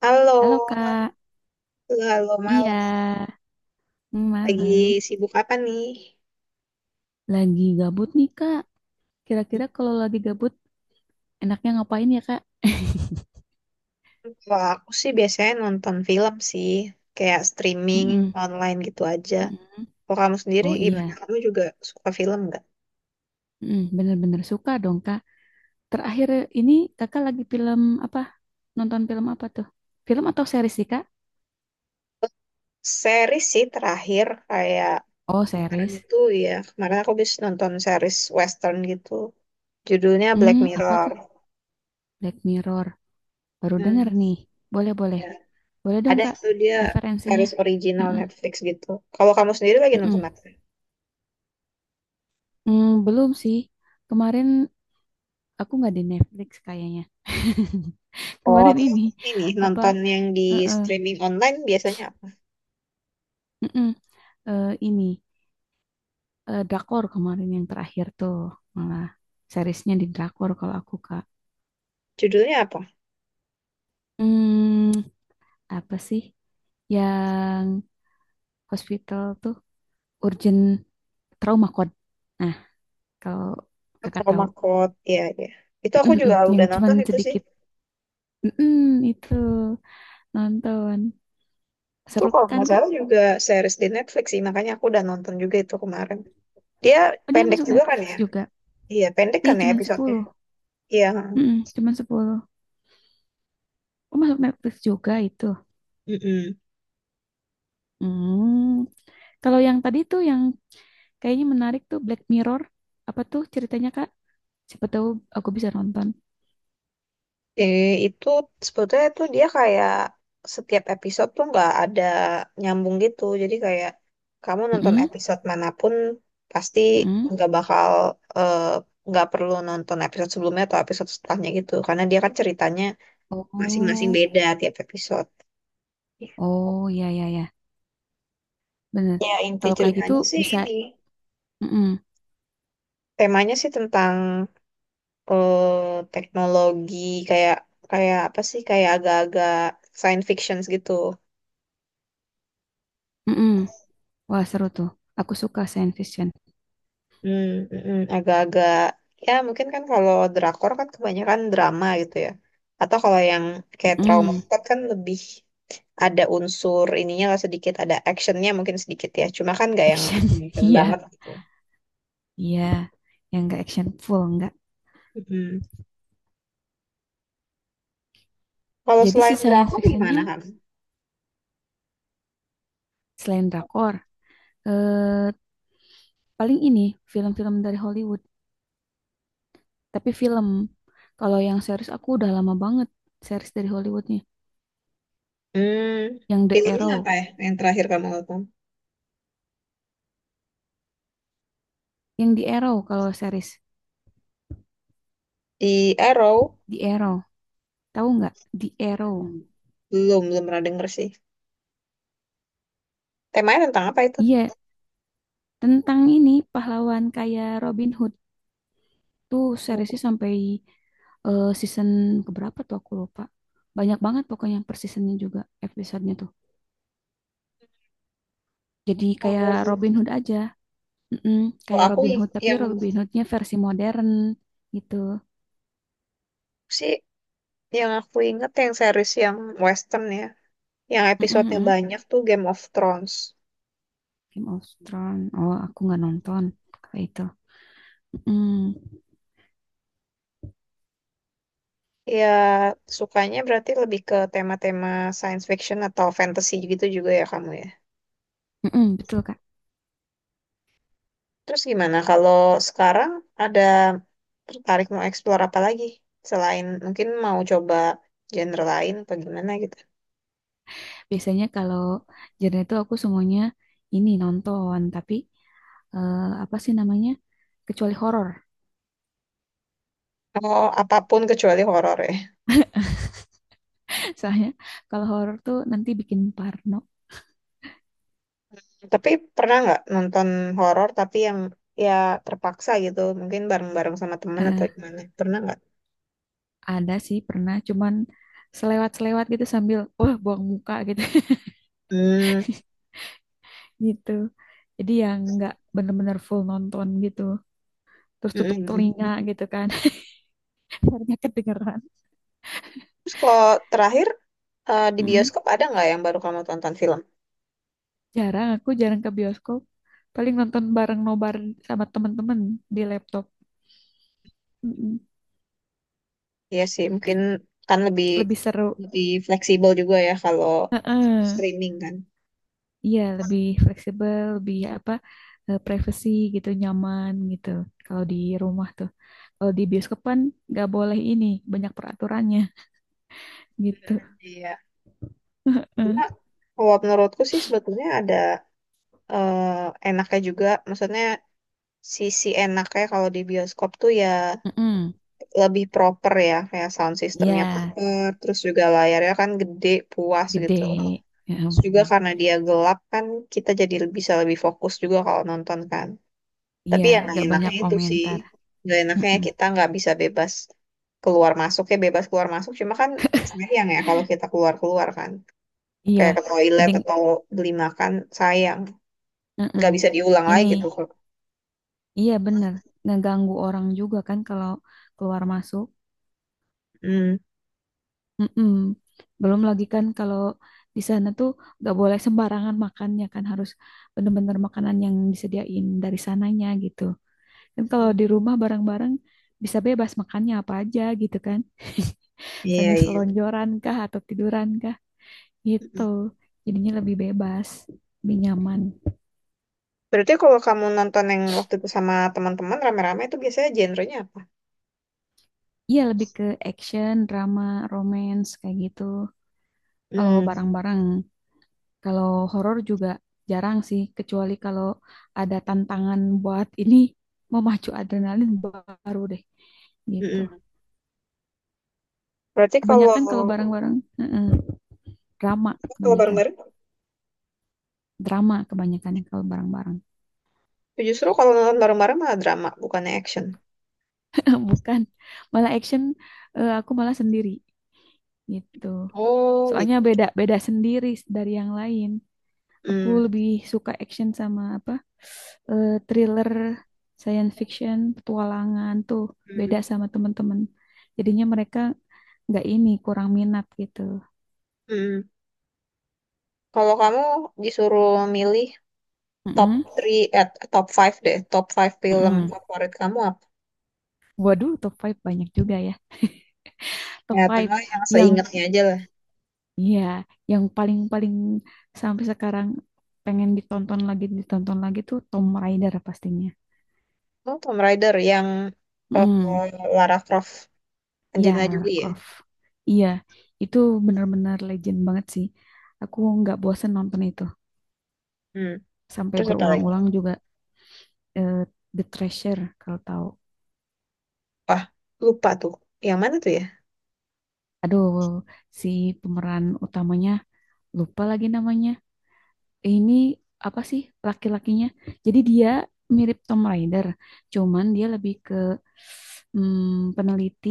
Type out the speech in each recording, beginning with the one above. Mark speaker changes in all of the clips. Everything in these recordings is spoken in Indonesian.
Speaker 1: Halo,
Speaker 2: Halo Kak,
Speaker 1: halo
Speaker 2: iya,
Speaker 1: malam. Lagi
Speaker 2: malam.
Speaker 1: sibuk apa nih?
Speaker 2: Lagi gabut nih Kak. Kira-kira kalau lagi gabut, enaknya ngapain ya Kak?
Speaker 1: Kalau aku sih biasanya nonton film sih, kayak streaming
Speaker 2: Mm-mm,
Speaker 1: online gitu aja.
Speaker 2: mm-mm.
Speaker 1: Kalau kamu sendiri
Speaker 2: Oh
Speaker 1: gimana?
Speaker 2: iya.
Speaker 1: Kamu juga suka film nggak?
Speaker 2: Mm-mm. Bener-bener suka dong Kak. Terakhir ini Kakak lagi film apa? Nonton film apa tuh? Film atau series sih Kak?
Speaker 1: Series sih terakhir kayak
Speaker 2: Oh
Speaker 1: kemarin
Speaker 2: series.
Speaker 1: itu ya kemarin aku habis nonton series western gitu. Judulnya Black
Speaker 2: Hmm, apa
Speaker 1: Mirror.
Speaker 2: tuh? Black Mirror. Baru denger
Speaker 1: Hmm,
Speaker 2: nih. Boleh boleh,
Speaker 1: ya.
Speaker 2: boleh dong
Speaker 1: Ada
Speaker 2: Kak.
Speaker 1: itu dia
Speaker 2: Referensinya.
Speaker 1: series original
Speaker 2: Heeh.
Speaker 1: Netflix gitu. Kalau kamu sendiri lagi nonton
Speaker 2: Mm-mm.
Speaker 1: apa?
Speaker 2: Hmm, belum sih. Kemarin aku nggak di Netflix kayaknya.
Speaker 1: Oh,
Speaker 2: Kemarin
Speaker 1: terus
Speaker 2: ini
Speaker 1: ini
Speaker 2: apa?
Speaker 1: nonton yang di
Speaker 2: Heeh,
Speaker 1: streaming online biasanya apa?
Speaker 2: heeh, ini drakor kemarin yang terakhir tuh malah seriesnya di drakor kalau aku Kak.
Speaker 1: Judulnya apa?
Speaker 2: Hmm, apa sih yang hospital tuh urgent trauma code. Nah, kalau
Speaker 1: Oh,
Speaker 2: Kakak tahu
Speaker 1: Trauma Code. Iya, iya. Itu aku
Speaker 2: Mm-mm,
Speaker 1: juga
Speaker 2: yang
Speaker 1: udah
Speaker 2: cuman
Speaker 1: nonton itu sih.
Speaker 2: sedikit Mm-mm, itu nonton
Speaker 1: Itu
Speaker 2: seru
Speaker 1: kalau
Speaker 2: kan
Speaker 1: nggak
Speaker 2: Kak?
Speaker 1: salah juga series di Netflix sih, makanya aku udah nonton juga itu kemarin. Dia
Speaker 2: Oh, dia
Speaker 1: pendek
Speaker 2: masuk
Speaker 1: juga kan
Speaker 2: Netflix
Speaker 1: ya?
Speaker 2: juga.
Speaker 1: Iya, pendek
Speaker 2: Iya,
Speaker 1: kan ya
Speaker 2: cuman
Speaker 1: episodenya?
Speaker 2: 10
Speaker 1: Iya.
Speaker 2: Mm-mm, cuman 10. Oh, masuk Netflix juga itu.
Speaker 1: Mm-mm.
Speaker 2: Hmm. Kalau yang tadi tuh yang kayaknya menarik tuh Black Mirror, apa tuh ceritanya Kak? Siapa tahu aku bisa nonton.
Speaker 1: Eh, itu sebetulnya tuh dia kayak setiap episode tuh nggak ada nyambung gitu. Jadi kayak kamu nonton
Speaker 2: Mm-mm,
Speaker 1: episode manapun pasti
Speaker 2: mm-mm.
Speaker 1: nggak bakal eh, nggak perlu nonton episode sebelumnya atau episode setelahnya gitu. Karena dia kan ceritanya masing-masing
Speaker 2: Oh,
Speaker 1: beda tiap episode.
Speaker 2: oh ya ya ya, bener.
Speaker 1: Ya inti
Speaker 2: Kalau kayak gitu
Speaker 1: ceritanya sih
Speaker 2: bisa,
Speaker 1: ini
Speaker 2: mm-mm,
Speaker 1: temanya sih tentang teknologi kayak kayak apa sih kayak agak-agak science fiction gitu.
Speaker 2: mm-mm. Wah seru tuh. Aku suka science fiction.
Speaker 1: Hmm, agak-agak ya mungkin kan kalau drakor kan kebanyakan drama gitu ya. Atau kalau yang kayak trauma
Speaker 2: Mm-mm.
Speaker 1: court kan lebih ada unsur ininya lah sedikit, ada actionnya mungkin sedikit ya. Cuma kan nggak yang
Speaker 2: Action,
Speaker 1: action
Speaker 2: iya,
Speaker 1: banget gitu.
Speaker 2: iya. Yang nggak action full nggak.
Speaker 1: Mm. Kalau
Speaker 2: Jadi si
Speaker 1: selain
Speaker 2: science
Speaker 1: drakor
Speaker 2: fictionnya
Speaker 1: gimana kan?
Speaker 2: selain drakor, eh, paling ini film-film dari Hollywood. Tapi film. Kalau yang series aku udah lama banget series dari Hollywoodnya.
Speaker 1: Hmm,
Speaker 2: Yang The
Speaker 1: filmnya apa
Speaker 2: Arrow,
Speaker 1: ya yang terakhir kamu nonton?
Speaker 2: yang The Arrow kalau series
Speaker 1: Di Arrow?
Speaker 2: The Arrow, tahu nggak? The Arrow.
Speaker 1: Hmm. Belum, belum pernah denger sih. Temanya tentang apa itu?
Speaker 2: Iya, tentang ini pahlawan kayak Robin Hood tuh
Speaker 1: Oh,
Speaker 2: seriesnya sampai season keberapa tuh aku lupa. Banyak banget pokoknya per seasonnya juga episodenya tuh. Jadi kayak Robin Hood aja, Mm-mm,
Speaker 1: kalau
Speaker 2: kayak
Speaker 1: aku
Speaker 2: Robin Hood tapi
Speaker 1: yang
Speaker 2: Robin Hoodnya versi modern gitu.
Speaker 1: sih yang aku inget yang series yang western ya, yang
Speaker 2: Mm-mm,
Speaker 1: episodenya
Speaker 2: mm-mm.
Speaker 1: banyak tuh Game of Thrones.
Speaker 2: Game of Thrones. Oh, aku nggak nonton kayak itu. Mm,
Speaker 1: Ya, sukanya berarti lebih ke tema-tema science fiction atau fantasy gitu juga ya kamu ya.
Speaker 2: mm-mm, betul Kak.
Speaker 1: Terus gimana kalau sekarang ada tertarik mau explore apa lagi? Selain mungkin mau coba genre lain apa gimana gitu.
Speaker 2: Biasanya kalau genre itu aku semuanya ini nonton, tapi eh, apa sih namanya? Kecuali horor.
Speaker 1: Oh, apapun kecuali horor ya.
Speaker 2: Soalnya kalau horor tuh nanti bikin parno.
Speaker 1: Tapi pernah nggak nonton horor tapi yang ya terpaksa gitu, mungkin bareng-bareng sama teman atau
Speaker 2: Eh,
Speaker 1: gimana? Pernah nggak?
Speaker 2: ada sih pernah, cuman selewat-selewat gitu sambil wah buang muka gitu
Speaker 1: Hmm.
Speaker 2: gitu. Jadi yang nggak bener-bener full nonton gitu. Terus tutup
Speaker 1: Mm-mm.
Speaker 2: telinga gitu kan, karena kedengeran.
Speaker 1: Terus kalau terakhir di
Speaker 2: Mm-mm.
Speaker 1: bioskop ada nggak yang baru kamu tonton film?
Speaker 2: Jarang, aku jarang ke bioskop. Paling nonton bareng nobar sama temen-temen di laptop. Mm-mm.
Speaker 1: Iya sih, mungkin kan lebih
Speaker 2: Lebih seru.
Speaker 1: lebih fleksibel juga ya kalau
Speaker 2: Heeh.
Speaker 1: streaming kan.
Speaker 2: Iya, lebih fleksibel, lebih apa, privacy gitu, nyaman gitu. Kalau di rumah tuh. Kalau di bioskop kan nggak boleh ini, banyak peraturannya gitu.
Speaker 1: Mm, iya. Cuma
Speaker 2: Heeh.
Speaker 1: kalau menurutku sih sebetulnya ada enaknya juga, maksudnya sisi enaknya kalau di bioskop tuh ya
Speaker 2: Mm-mm.
Speaker 1: lebih proper ya, kayak sound
Speaker 2: Iya,
Speaker 1: systemnya proper, terus juga layarnya kan gede, puas
Speaker 2: gede.
Speaker 1: gitu.
Speaker 2: Ya
Speaker 1: Terus juga
Speaker 2: bener.
Speaker 1: karena dia gelap kan kita jadi bisa lebih fokus juga kalau nonton kan.
Speaker 2: Iya,
Speaker 1: Tapi yang nggak
Speaker 2: nggak
Speaker 1: enaknya
Speaker 2: banyak
Speaker 1: itu sih,
Speaker 2: komentar.
Speaker 1: nggak enaknya
Speaker 2: Heeh.
Speaker 1: kita nggak bisa bebas keluar masuk ya bebas keluar masuk. Cuma kan sayang ya kalau kita keluar keluar kan,
Speaker 2: Iya,
Speaker 1: kayak ke
Speaker 2: jadi
Speaker 1: toilet atau beli makan sayang, nggak
Speaker 2: heeh.
Speaker 1: bisa diulang lagi
Speaker 2: Ini.
Speaker 1: gitu.
Speaker 2: Iya bener, ngeganggu orang juga kan kalau keluar masuk.
Speaker 1: Hmm,
Speaker 2: Mm-mm. Belum lagi kan kalau di sana tuh gak boleh sembarangan makannya kan harus bener-bener makanan yang disediain dari sananya gitu. Kan kalau di rumah bareng-bareng bisa bebas makannya apa aja gitu kan.
Speaker 1: iya
Speaker 2: Sambil
Speaker 1: iya.
Speaker 2: selonjoran kah atau tiduran kah gitu.
Speaker 1: Mm-mm.
Speaker 2: Jadinya lebih bebas, lebih nyaman.
Speaker 1: Berarti kalau kamu nonton yang waktu itu sama teman-teman rame-rame itu biasanya genrenya apa?
Speaker 2: Iya lebih ke action, drama, romance kayak gitu. Kalau
Speaker 1: Hmm,
Speaker 2: bareng-bareng kalau horor juga jarang sih, kecuali kalau ada tantangan buat ini memacu adrenalin baru deh gitu.
Speaker 1: mm-mm. Berarti kalau
Speaker 2: Kebanyakan kalau barang-barang heeh, drama
Speaker 1: kalau
Speaker 2: kebanyakan,
Speaker 1: bareng-bareng,
Speaker 2: drama kebanyakan yang kalau barang-barang.
Speaker 1: justru kalau nonton bareng-bareng malah drama, bukannya action.
Speaker 2: Bukan, malah action aku malah sendiri gitu.
Speaker 1: Oh,
Speaker 2: Soalnya
Speaker 1: gitu.
Speaker 2: beda beda sendiri dari yang lain. Aku
Speaker 1: Hmm.
Speaker 2: lebih suka action sama apa? Thriller, science fiction, petualangan tuh
Speaker 1: Hmm.
Speaker 2: beda sama teman-teman. Jadinya mereka nggak ini kurang minat gitu.
Speaker 1: Hmm. Kalau kamu disuruh milih top
Speaker 2: Mm-mm,
Speaker 1: three, eh top five deh, top five film
Speaker 2: mm-mm.
Speaker 1: favorit kamu apa?
Speaker 2: Waduh, top five banyak juga ya. Top
Speaker 1: Ya,
Speaker 2: five
Speaker 1: tengah yang
Speaker 2: yang
Speaker 1: seingetnya aja lah.
Speaker 2: ya yang paling-paling sampai sekarang pengen ditonton lagi tuh Tom Raider pastinya.
Speaker 1: Oh, Tomb Raider yang eh,
Speaker 2: Mm.
Speaker 1: Lara Croft,
Speaker 2: Iya,
Speaker 1: Angelina
Speaker 2: Lara
Speaker 1: Jolie ya.
Speaker 2: Croft. Iya, itu benar-benar legend banget sih. Aku nggak bosen nonton itu.
Speaker 1: Hmm.
Speaker 2: Sampai
Speaker 1: Terus apa lagi?
Speaker 2: berulang-ulang juga eh, The Treasure, kalau tahu.
Speaker 1: Wah, lupa tuh. Yang mana tuh ya?
Speaker 2: Aduh, si pemeran utamanya, lupa lagi namanya. Ini apa sih laki-lakinya? Jadi dia mirip Tom Raider, cuman dia lebih ke peneliti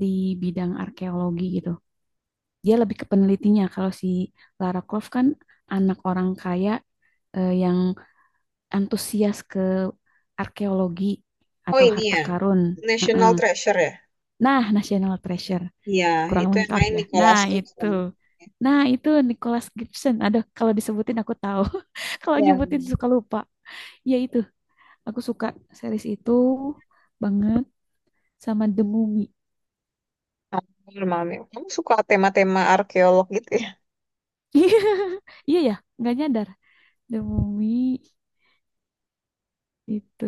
Speaker 2: di bidang arkeologi gitu. Dia lebih ke penelitinya. Kalau si Lara Croft kan anak orang kaya yang antusias ke arkeologi
Speaker 1: Oh,
Speaker 2: atau
Speaker 1: ini
Speaker 2: harta
Speaker 1: ya.
Speaker 2: karun.
Speaker 1: National
Speaker 2: Heeh.
Speaker 1: Treasure ya.
Speaker 2: Nah, National Treasure
Speaker 1: Iya,
Speaker 2: kurang
Speaker 1: itu yang
Speaker 2: lengkap
Speaker 1: main
Speaker 2: ya. Nah,
Speaker 1: Nicolas Cage
Speaker 2: itu.
Speaker 1: kan.
Speaker 2: Nah, itu Nicholas Gibson. Aduh, kalau disebutin aku tahu. Kalau
Speaker 1: Yang
Speaker 2: nyebutin suka lupa. Ya itu, aku suka series itu banget sama The Mummy.
Speaker 1: malam ya. Kamu suka tema-tema arkeolog gitu ya?
Speaker 2: Iya ya, nggak nyadar. The Mummy itu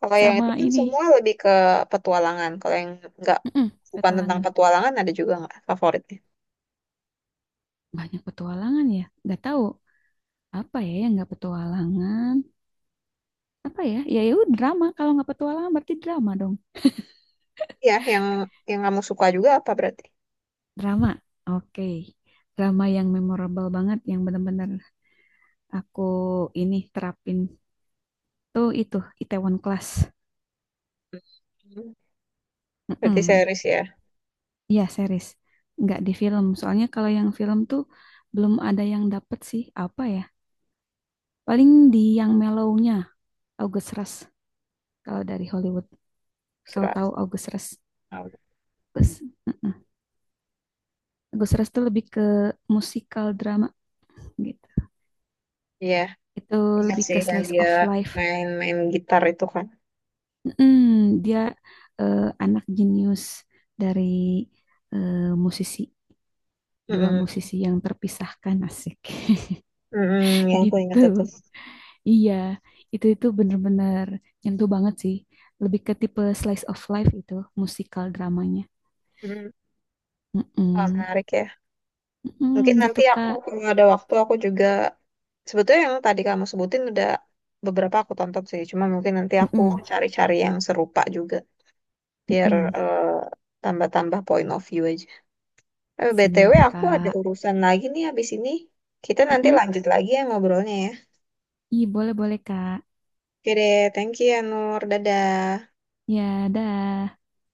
Speaker 1: Kalau yang itu
Speaker 2: sama
Speaker 1: kan
Speaker 2: ini.
Speaker 1: semua lebih ke petualangan. Kalau yang nggak
Speaker 2: Mm-mm,
Speaker 1: bukan tentang
Speaker 2: petualangan.
Speaker 1: petualangan ada juga nggak favoritnya?
Speaker 2: Banyak petualangan ya. Nggak tahu apa ya yang nggak petualangan. Apa ya? Ya itu drama. Kalau nggak petualangan berarti drama dong.
Speaker 1: Iya, yang kamu suka juga apa berarti?
Speaker 2: Drama. Oke. Drama yang memorable banget yang benar-benar aku ini terapin tuh itu Itaewon Class.
Speaker 1: Hmm. Berarti
Speaker 2: Mm-mm.
Speaker 1: series ya,
Speaker 2: Iya, series. Nggak di film. Soalnya kalau yang film tuh belum ada yang dapet sih. Apa ya? Paling di yang mellow-nya August Rush kalau dari Hollywood. Kalau
Speaker 1: surat.
Speaker 2: tahu August Rush. August, mm-mm. August Rush tuh lebih ke musikal drama gitu.
Speaker 1: Iya,
Speaker 2: Itu
Speaker 1: ingat
Speaker 2: lebih
Speaker 1: sih
Speaker 2: ke
Speaker 1: yang
Speaker 2: slice
Speaker 1: dia
Speaker 2: of life
Speaker 1: main-main gitar itu kan.
Speaker 2: Dia anak jenius dari eh, musisi dua
Speaker 1: Mm-mm.
Speaker 2: musisi yang terpisahkan asik
Speaker 1: Mm-mm, yang aku ingat itu.
Speaker 2: gitu. Iya, itu bener-bener nyentuh banget sih. Lebih ke tipe slice of life itu musikal dramanya.
Speaker 1: Mm. Wah,
Speaker 2: Mm-mm.
Speaker 1: menarik ya.
Speaker 2: Mm-mm,
Speaker 1: Mungkin
Speaker 2: gitu
Speaker 1: nanti aku
Speaker 2: Kak.
Speaker 1: kalau ada waktu aku juga sebetulnya yang tadi kamu sebutin udah beberapa aku tonton sih. Cuma mungkin nanti aku
Speaker 2: Mm-mm.
Speaker 1: cari-cari yang serupa juga, biar
Speaker 2: Mm-mm.
Speaker 1: eh, tambah-tambah point of view aja. Eh, BTW
Speaker 2: Siap
Speaker 1: aku ada
Speaker 2: Kak.
Speaker 1: urusan lagi nih habis ini. Kita nanti
Speaker 2: Mm-mm.
Speaker 1: lanjut lagi ya ngobrolnya ya.
Speaker 2: Ih, boleh-boleh Kak.
Speaker 1: Oke deh, thank you ya Nur. Dadah.
Speaker 2: Ya, dah.